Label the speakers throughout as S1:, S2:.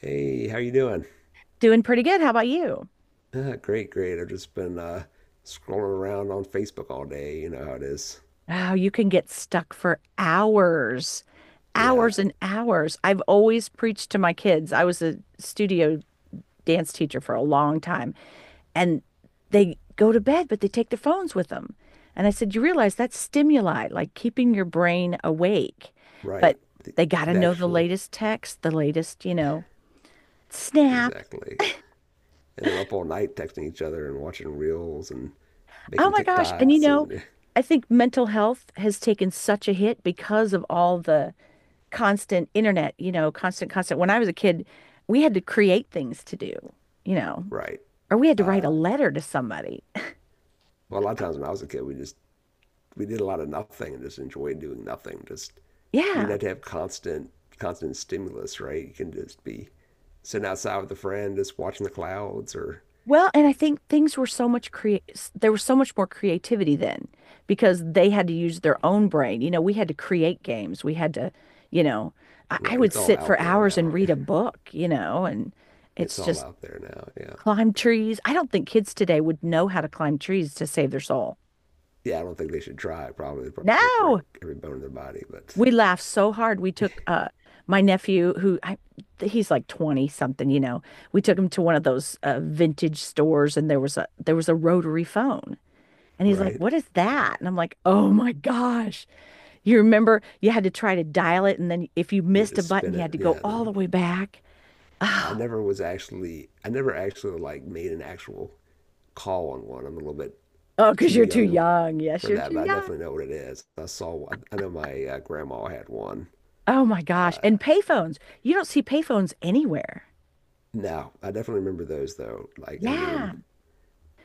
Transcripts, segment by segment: S1: Hey, how you doing?
S2: Doing pretty good. How about you?
S1: Great. I've just been scrolling around on Facebook all day. You know how it is.
S2: Oh, you can get stuck for hours,
S1: Yeah,
S2: hours and hours. I've always preached to my kids. I was a studio dance teacher for a long time, and they go to bed, but they take their phones with them. And I said, You realize that's stimuli, like keeping your brain awake. But
S1: right.
S2: they got to
S1: The
S2: know the
S1: actual,
S2: latest text, the latest, snap.
S1: exactly. And they're up all night texting each other and watching reels and
S2: Oh
S1: making
S2: my gosh.
S1: TikToks and
S2: I think mental health has taken such a hit because of all the constant internet, constant. When I was a kid, we had to create things to do, you know,
S1: right.
S2: or we had to
S1: Uh,
S2: write a Wow. letter to somebody.
S1: well, a lot of times when I was a kid, we did a lot of nothing and just enjoyed doing nothing. Just you didn't
S2: Yeah.
S1: have to have constant stimulus, right? You can just be sitting outside with a friend, just watching the clouds or
S2: Well, and I think things were so much create there was so much more creativity then because they had to use their own brain. You know, we had to create games. We had to, you know, I
S1: right.
S2: would
S1: It's all
S2: sit for
S1: out there
S2: hours
S1: now.
S2: and read
S1: Yeah.
S2: a book, you know, and
S1: It's
S2: it's
S1: all
S2: just
S1: out there now. Yeah.
S2: climb trees. I don't think kids today would know how to climb trees to save their soul.
S1: Yeah, I don't think they should try. Probably they'd probably break
S2: No,
S1: every bone in their body, but
S2: we laughed so hard. We took my nephew who I he's like 20 something, you know. We took him to one of those vintage stores and there was a rotary phone. And he's like,
S1: right.
S2: "What is that?" And I'm like, "Oh my gosh. You remember you had to try to dial it and then if you
S1: You
S2: missed a
S1: just
S2: button,
S1: spin
S2: you had
S1: it.
S2: to go
S1: Yeah. And
S2: all the
S1: then
S2: way back." Oh,
S1: I never actually like made an actual call on one. I'm a little bit
S2: oh, because
S1: too
S2: 'cause you're too
S1: young
S2: young. Yes,
S1: for
S2: you're
S1: that,
S2: too
S1: but I
S2: young.
S1: definitely know what it is. I know my grandma had one.
S2: Oh my gosh.
S1: Uh,
S2: And payphones. You don't see payphones anywhere.
S1: now, I definitely remember those though. Like, I
S2: Yeah.
S1: mean,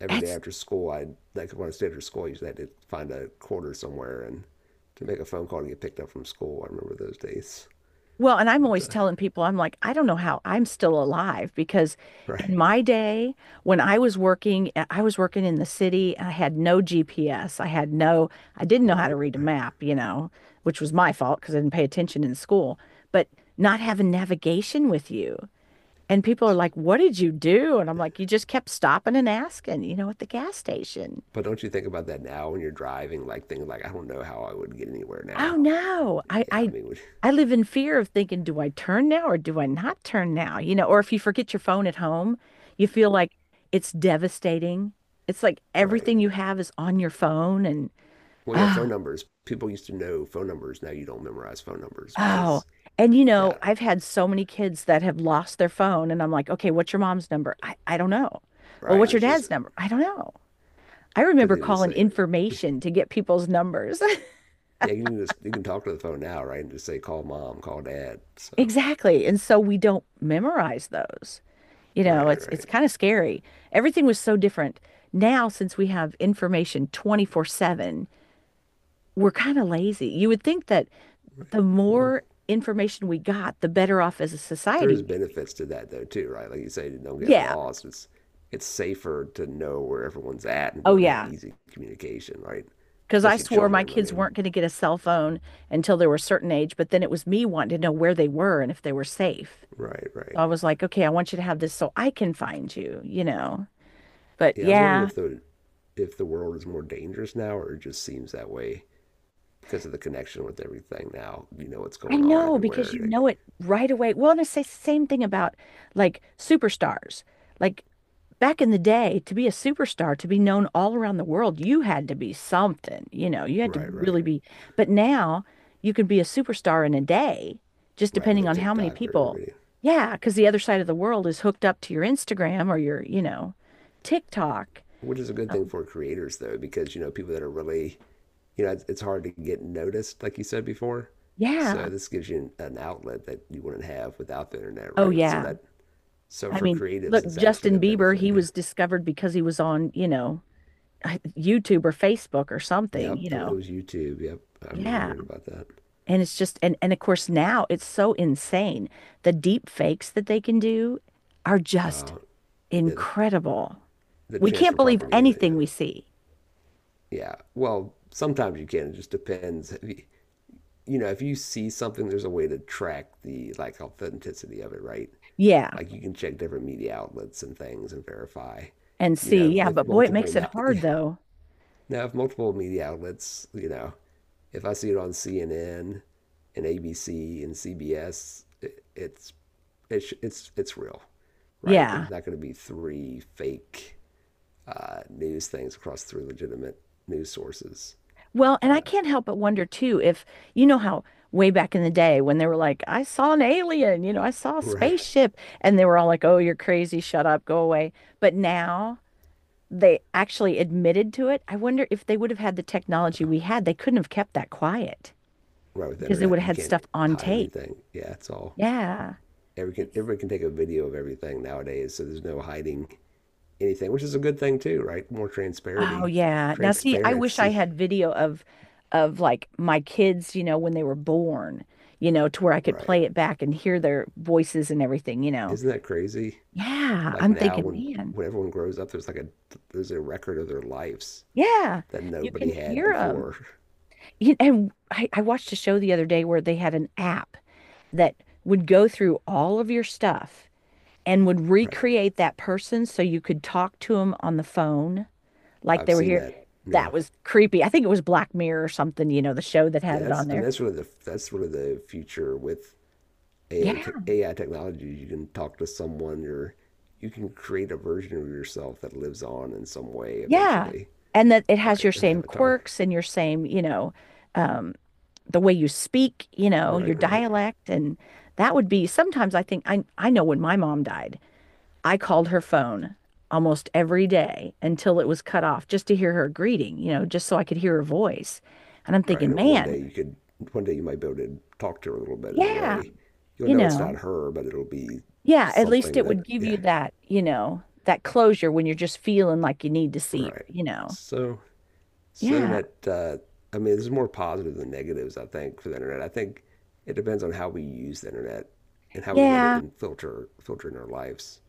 S1: every day
S2: It's
S1: after school, I like when I stayed after school, I usually had to find a quarter somewhere and to make a phone call to get picked up from school. I remember those days.
S2: well, and I'm
S1: But
S2: always
S1: uh,
S2: telling people, I'm like, I don't know how I'm still alive because in
S1: right,
S2: my day, when I was working in the city and I had no GPS. I had no, I didn't know how to read a
S1: right.
S2: map, you know, which was my fault because I didn't pay attention in school, but not having navigation with you. And people are like, what did you do? And I'm like, you just kept stopping and asking, you know, at the gas station.
S1: But don't you think about that now when you're driving? Like things like I don't know how I would get anywhere
S2: Oh
S1: now.
S2: no, I,
S1: Yeah, I
S2: I
S1: mean, would,
S2: I live in fear of thinking, do I turn now or do I not turn now? You know, or if you forget your phone at home, you feel like it's devastating. It's like
S1: right.
S2: everything you have is on your phone and
S1: Well, yeah,
S2: oh,
S1: phone numbers. People used to know phone numbers. Now you don't memorize phone numbers
S2: oh.
S1: because
S2: And you know,
S1: yeah,
S2: I've had so many kids that have lost their phone and I'm like, okay, what's your mom's number? I don't know. Well,
S1: right.
S2: what's your
S1: It's just
S2: dad's number? I don't know. I
S1: because
S2: remember
S1: they just
S2: calling
S1: say
S2: information to get people's numbers.
S1: yeah, you can just you can talk to the phone now, right? And just say call mom, call dad. So
S2: Exactly. And so we don't memorize those. You know,
S1: right,
S2: it's it's
S1: right,
S2: kind of scary. Everything was so different. Now, since we have information 24/7, we're kind of lazy. You would think that the
S1: right. Well,
S2: more information we got, the better off as a
S1: there's
S2: society.
S1: benefits to that though too, right? Like you say, you don't get
S2: Yeah.
S1: lost. It's safer to know where everyone's at and be
S2: Oh,
S1: able to have
S2: yeah.
S1: easy communication, right?
S2: Because I
S1: Especially
S2: swore my
S1: children. I
S2: kids
S1: mean,
S2: weren't going to get a cell phone until they were a certain age, but then it was me wanting to know where they were and if they were safe.
S1: right.
S2: So I was like, okay, I want you to have this so I can find you, you know. But
S1: Yeah, I was wondering
S2: yeah,
S1: if the world is more dangerous now or it just seems that way because of the connection with everything now. You know what's
S2: I
S1: going on
S2: know because
S1: everywhere.
S2: you
S1: Like,
S2: know it right away. Well, and it's the same thing about like superstars. Like back in the day, to be a superstar, to be known all around the world, you had to be something, you know, you had to
S1: right.
S2: really be. But now you can be a superstar in a day, just
S1: Right with a
S2: depending on how many
S1: TikTok or
S2: people.
S1: everybody.
S2: Yeah, because the other side of the world is hooked up to your Instagram or your, TikTok.
S1: Which is a good
S2: Oh,
S1: thing for creators though, because you know, people that are really you know, it's hard to get noticed, like you said before.
S2: yeah.
S1: So this gives you an outlet that you wouldn't have without the internet,
S2: Oh,
S1: right? So
S2: yeah.
S1: that so
S2: I
S1: for
S2: mean,
S1: creatives,
S2: look,
S1: it's actually a
S2: Justin Bieber,
S1: benefit.
S2: he
S1: Yeah.
S2: was discovered because he was on, you know, YouTube or Facebook or something,
S1: Yep.
S2: you
S1: Oh, it
S2: know.
S1: was YouTube. Yep. I remember
S2: Yeah.
S1: hearing about that.
S2: And it's just and of course now it's so insane. The deep fakes that they can do are just
S1: Uh, yeah. The
S2: incredible.
S1: the
S2: We
S1: chance
S2: can't
S1: for
S2: believe
S1: propaganda. Yeah.
S2: anything we see.
S1: Yeah. Well, sometimes you can. It just depends. If you, you know, if you see something, there's a way to track the like authenticity of it, right?
S2: Yeah.
S1: Like you can check different media outlets and things and verify.
S2: And
S1: You know,
S2: see.
S1: if,
S2: Yeah,
S1: if
S2: but boy, it makes it hard though.
S1: now, if multiple media outlets, you know, if I see it on CNN and ABC and CBS, it, it's real, right?
S2: Yeah.
S1: There's not going to be three fake news things across three legitimate news sources,
S2: Well, and I
S1: uh,
S2: can't help but wonder too if you know how way back in the day when they were like, I saw an alien, you know, I saw a
S1: right?
S2: spaceship, and they were all like, Oh, you're crazy, shut up, go away. But now they actually admitted to it, I wonder if they would have had the technology we had, they couldn't have kept that quiet
S1: Right with the
S2: because they would
S1: internet,
S2: have
S1: you
S2: had
S1: can't
S2: stuff on
S1: hide
S2: tape.
S1: anything. Yeah, it's all
S2: Yeah.
S1: everybody can take a video of everything nowadays, so there's no hiding anything, which is a good thing too, right? More
S2: Oh
S1: transparency,
S2: yeah. Now see, I wish I
S1: transparency,
S2: had video of like my kids, you know, when they were born, you know, to where I could
S1: right?
S2: play it back and hear their voices and everything, you know.
S1: Isn't that crazy?
S2: Yeah,
S1: Like
S2: I'm
S1: now,
S2: thinking,
S1: when
S2: man.
S1: everyone grows up, there's a record of their lives
S2: Yeah,
S1: that
S2: you can
S1: nobody had
S2: hear them.
S1: before,
S2: And I watched a show the other day where they had an app that would go through all of your stuff and would
S1: right?
S2: recreate that person so you could talk to them on the phone like
S1: I've
S2: they were
S1: seen
S2: here.
S1: that.
S2: That
S1: Yeah,
S2: was creepy. I think it was Black Mirror or something, you know, the show that
S1: yeah.
S2: had it
S1: That's
S2: on there.
S1: that's really the future with
S2: Yeah.
S1: AI technology. You can talk to someone or you can create a version of yourself that lives on in some way
S2: Yeah.
S1: eventually,
S2: And that it has
S1: right?
S2: your
S1: An
S2: same
S1: avatar.
S2: quirks and your same, you know, um, the way you speak, you know,
S1: Right,
S2: your
S1: right,
S2: dialect. And that would be sometimes I think I know when my mom died, I called her phone almost every day until it was cut off just to hear her greeting, you know, just so I could hear her voice. And I'm
S1: right.
S2: thinking,
S1: And one
S2: man,
S1: day you could, one day you might be able to talk to her a little bit in a
S2: yeah.
S1: way. You'll
S2: You
S1: know it's
S2: know,
S1: not her, but it'll be
S2: yeah, at least
S1: something
S2: it
S1: that,
S2: would give
S1: yeah,
S2: you that, you know, that closure when you're just feeling like you need to see her,
S1: right.
S2: you know.
S1: So, so the
S2: Yeah.
S1: internet, I mean, there's more positives than negatives, I think, for the internet. I think it depends on how we use the internet and how we let it
S2: Yeah.
S1: in filter in our lives.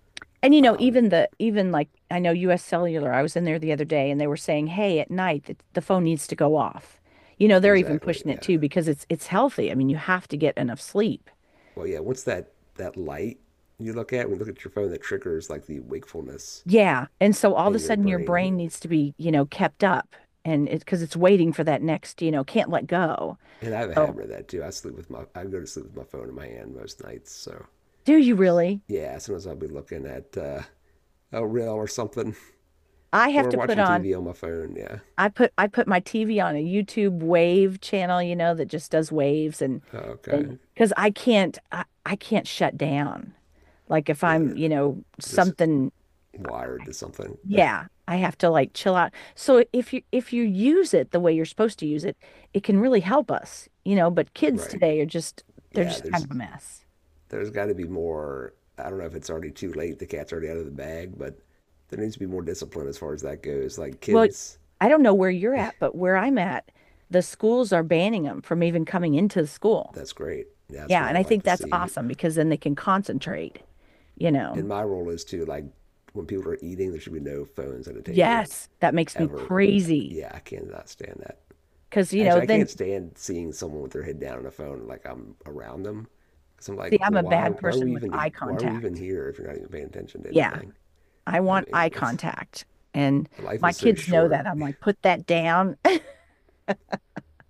S2: And you know,
S1: Um,
S2: even like I know US Cellular, I was in there the other day and they were saying, "Hey, at night the phone needs to go off." You know, they're even
S1: exactly.
S2: pushing it
S1: Yeah.
S2: too because it's healthy. I mean, you have to get enough sleep.
S1: Well, yeah. What's that light you look at when you look at your phone that triggers like the wakefulness
S2: Yeah. And so all of a
S1: in your
S2: sudden your
S1: brain?
S2: brain needs to be, you know, kept up and it's because it's waiting for that next, you know, can't let go.
S1: And I have a
S2: Oh,
S1: habit of that too. I go to sleep with my phone in my hand most nights. So
S2: do you really?
S1: yeah, sometimes I'll be looking at a reel or something
S2: I have
S1: or
S2: to put
S1: watching
S2: on
S1: TV on my phone. Yeah.
S2: I put my TV on a YouTube wave channel, you know, that just does waves and
S1: Okay.
S2: because I can't shut down. Like if
S1: Yeah,
S2: I'm, you know,
S1: just
S2: something,
S1: wired to something. Right.
S2: yeah, I have to like chill out. So if you use it the way you're supposed to use it, it can really help us, you know, but kids
S1: Right.
S2: today are just they're
S1: Yeah,
S2: just kind
S1: there's
S2: of a mess.
S1: there's got to be more. I don't know if it's already too late. The cat's already out of the bag, but there needs to be more discipline as far as that goes. Like
S2: Well,
S1: kids,
S2: I don't know where you're at, but where I'm at, the schools are banning them from even coming into the school.
S1: that's great. That's
S2: Yeah,
S1: what I
S2: and I
S1: would like
S2: think
S1: to
S2: that's
S1: see.
S2: awesome because then they can concentrate, you know.
S1: And my role is to like when people are eating, there should be no phones at a table
S2: Yes, that makes me
S1: ever.
S2: crazy
S1: Yeah, I cannot stand that.
S2: because, you know,
S1: Actually, I
S2: then
S1: can't stand seeing someone with their head down on a phone. Like I'm around them, because I'm like,
S2: see, I'm
S1: well,
S2: a
S1: why?
S2: bad person with eye
S1: Why are we even
S2: contact.
S1: here if you're not even paying attention to
S2: Yeah,
S1: anything?
S2: I
S1: I
S2: want
S1: mean,
S2: eye
S1: what's,
S2: contact. And
S1: life
S2: my
S1: is so
S2: kids know
S1: short.
S2: that. I'm like, put that down.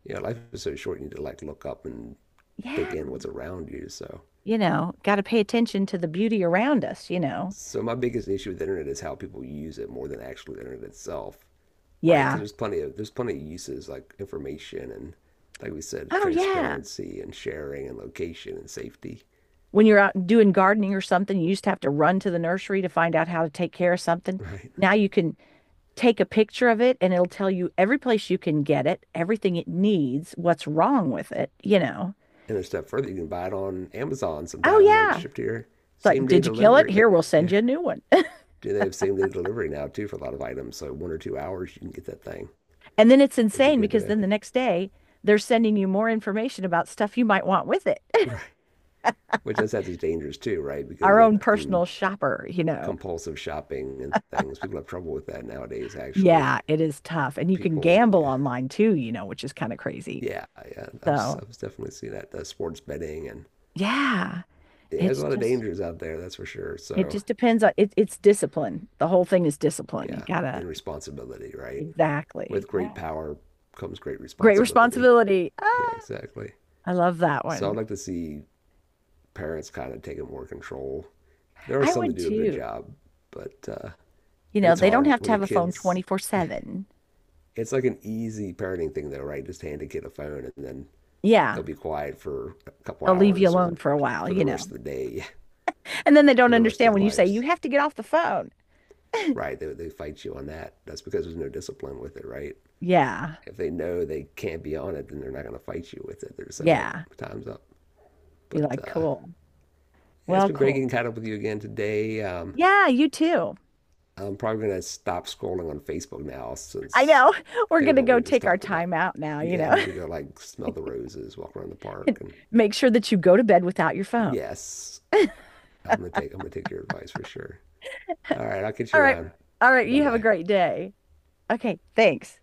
S1: Yeah, life is so short. You need to like look up and
S2: Yeah,
S1: take in what's around you. So,
S2: you know, got to pay attention to the beauty around us, you know.
S1: so my biggest issue with the internet is how people use it more than actually the internet itself, right? Because
S2: Yeah.
S1: there's plenty of uses like information and like we said,
S2: Oh, yeah.
S1: transparency and sharing and location and safety,
S2: When you're out doing gardening or something, you used to have to run to the nursery to find out how to take care of something.
S1: right?
S2: Now you can take a picture of it and it'll tell you every place you can get it, everything it needs, what's wrong with it, you know.
S1: And a step further, you can buy it on Amazon
S2: Oh
S1: sometimes. And it's
S2: yeah.
S1: shipped here,
S2: It's like,
S1: same day
S2: did you kill it?
S1: delivery.
S2: Here, we'll send
S1: Yeah,
S2: you a new one.
S1: do they have same day delivery now too for a lot of items? So one or two hours, you can get that thing
S2: And then it's
S1: and be
S2: insane
S1: good to
S2: because
S1: go.
S2: then the next day they're sending you more information about stuff you might want with it.
S1: Right. Which that's dangerous too, right? Because
S2: Our own
S1: that
S2: personal
S1: can
S2: shopper, you know.
S1: compulsive shopping and things. People have trouble with that nowadays. Actually,
S2: Yeah, it is tough. And you can
S1: people,
S2: gamble online too, you know, which is kind of crazy.
S1: yeah, yeah. I've
S2: So
S1: I've definitely seen that. The sports betting and
S2: yeah,
S1: yeah, there's a
S2: it's
S1: lot of
S2: just
S1: dangers out there. That's for sure.
S2: it
S1: So
S2: just depends on it's discipline. The whole thing is discipline. You
S1: yeah,
S2: gotta
S1: and responsibility, right?
S2: exactly.
S1: With great
S2: Yeah.
S1: power comes great
S2: Great
S1: responsibility.
S2: responsibility.
S1: Yeah,
S2: Ah,
S1: exactly.
S2: I love that
S1: So I'd
S2: one.
S1: like to see parents kind of taking more control. There are
S2: I
S1: some that
S2: would
S1: do a good
S2: too.
S1: job, but
S2: You
S1: and
S2: know,
S1: it's
S2: they don't
S1: hard
S2: have to
S1: when a
S2: have a phone
S1: kid's
S2: 24/7.
S1: it's like an easy parenting thing, though, right? Just hand a kid a phone and then
S2: Yeah.
S1: they'll be quiet for a couple
S2: They'll leave you
S1: hours
S2: alone
S1: or
S2: for a while,
S1: for the
S2: you know.
S1: rest of the day,
S2: And then they
S1: for
S2: don't
S1: the rest
S2: understand
S1: of their
S2: when you say you
S1: lives.
S2: have to get off the phone.
S1: Right. They fight you on that. That's because there's no discipline with it, right?
S2: Yeah.
S1: If they know they can't be on it, then they're not going to fight you with it. They're just like, well,
S2: Yeah.
S1: time's up.
S2: Be
S1: But
S2: like, cool.
S1: yeah, it's
S2: Well,
S1: been great
S2: cool.
S1: getting caught up with you again today.
S2: Yeah, you too.
S1: I'm probably going to stop scrolling on Facebook now
S2: I
S1: since
S2: know. We're
S1: thinking
S2: going to
S1: about what
S2: go
S1: we just
S2: take our
S1: talked about.
S2: time out now, you
S1: Yeah, I
S2: know.
S1: need to go like smell the roses, walk around the
S2: And
S1: park. And
S2: make sure that you go to bed without your phone.
S1: yes, I'm gonna take your advice for sure. All right, I'll catch
S2: All
S1: you
S2: right.
S1: around.
S2: All right.
S1: Bye
S2: You have a
S1: bye.
S2: great day. Okay. Thanks.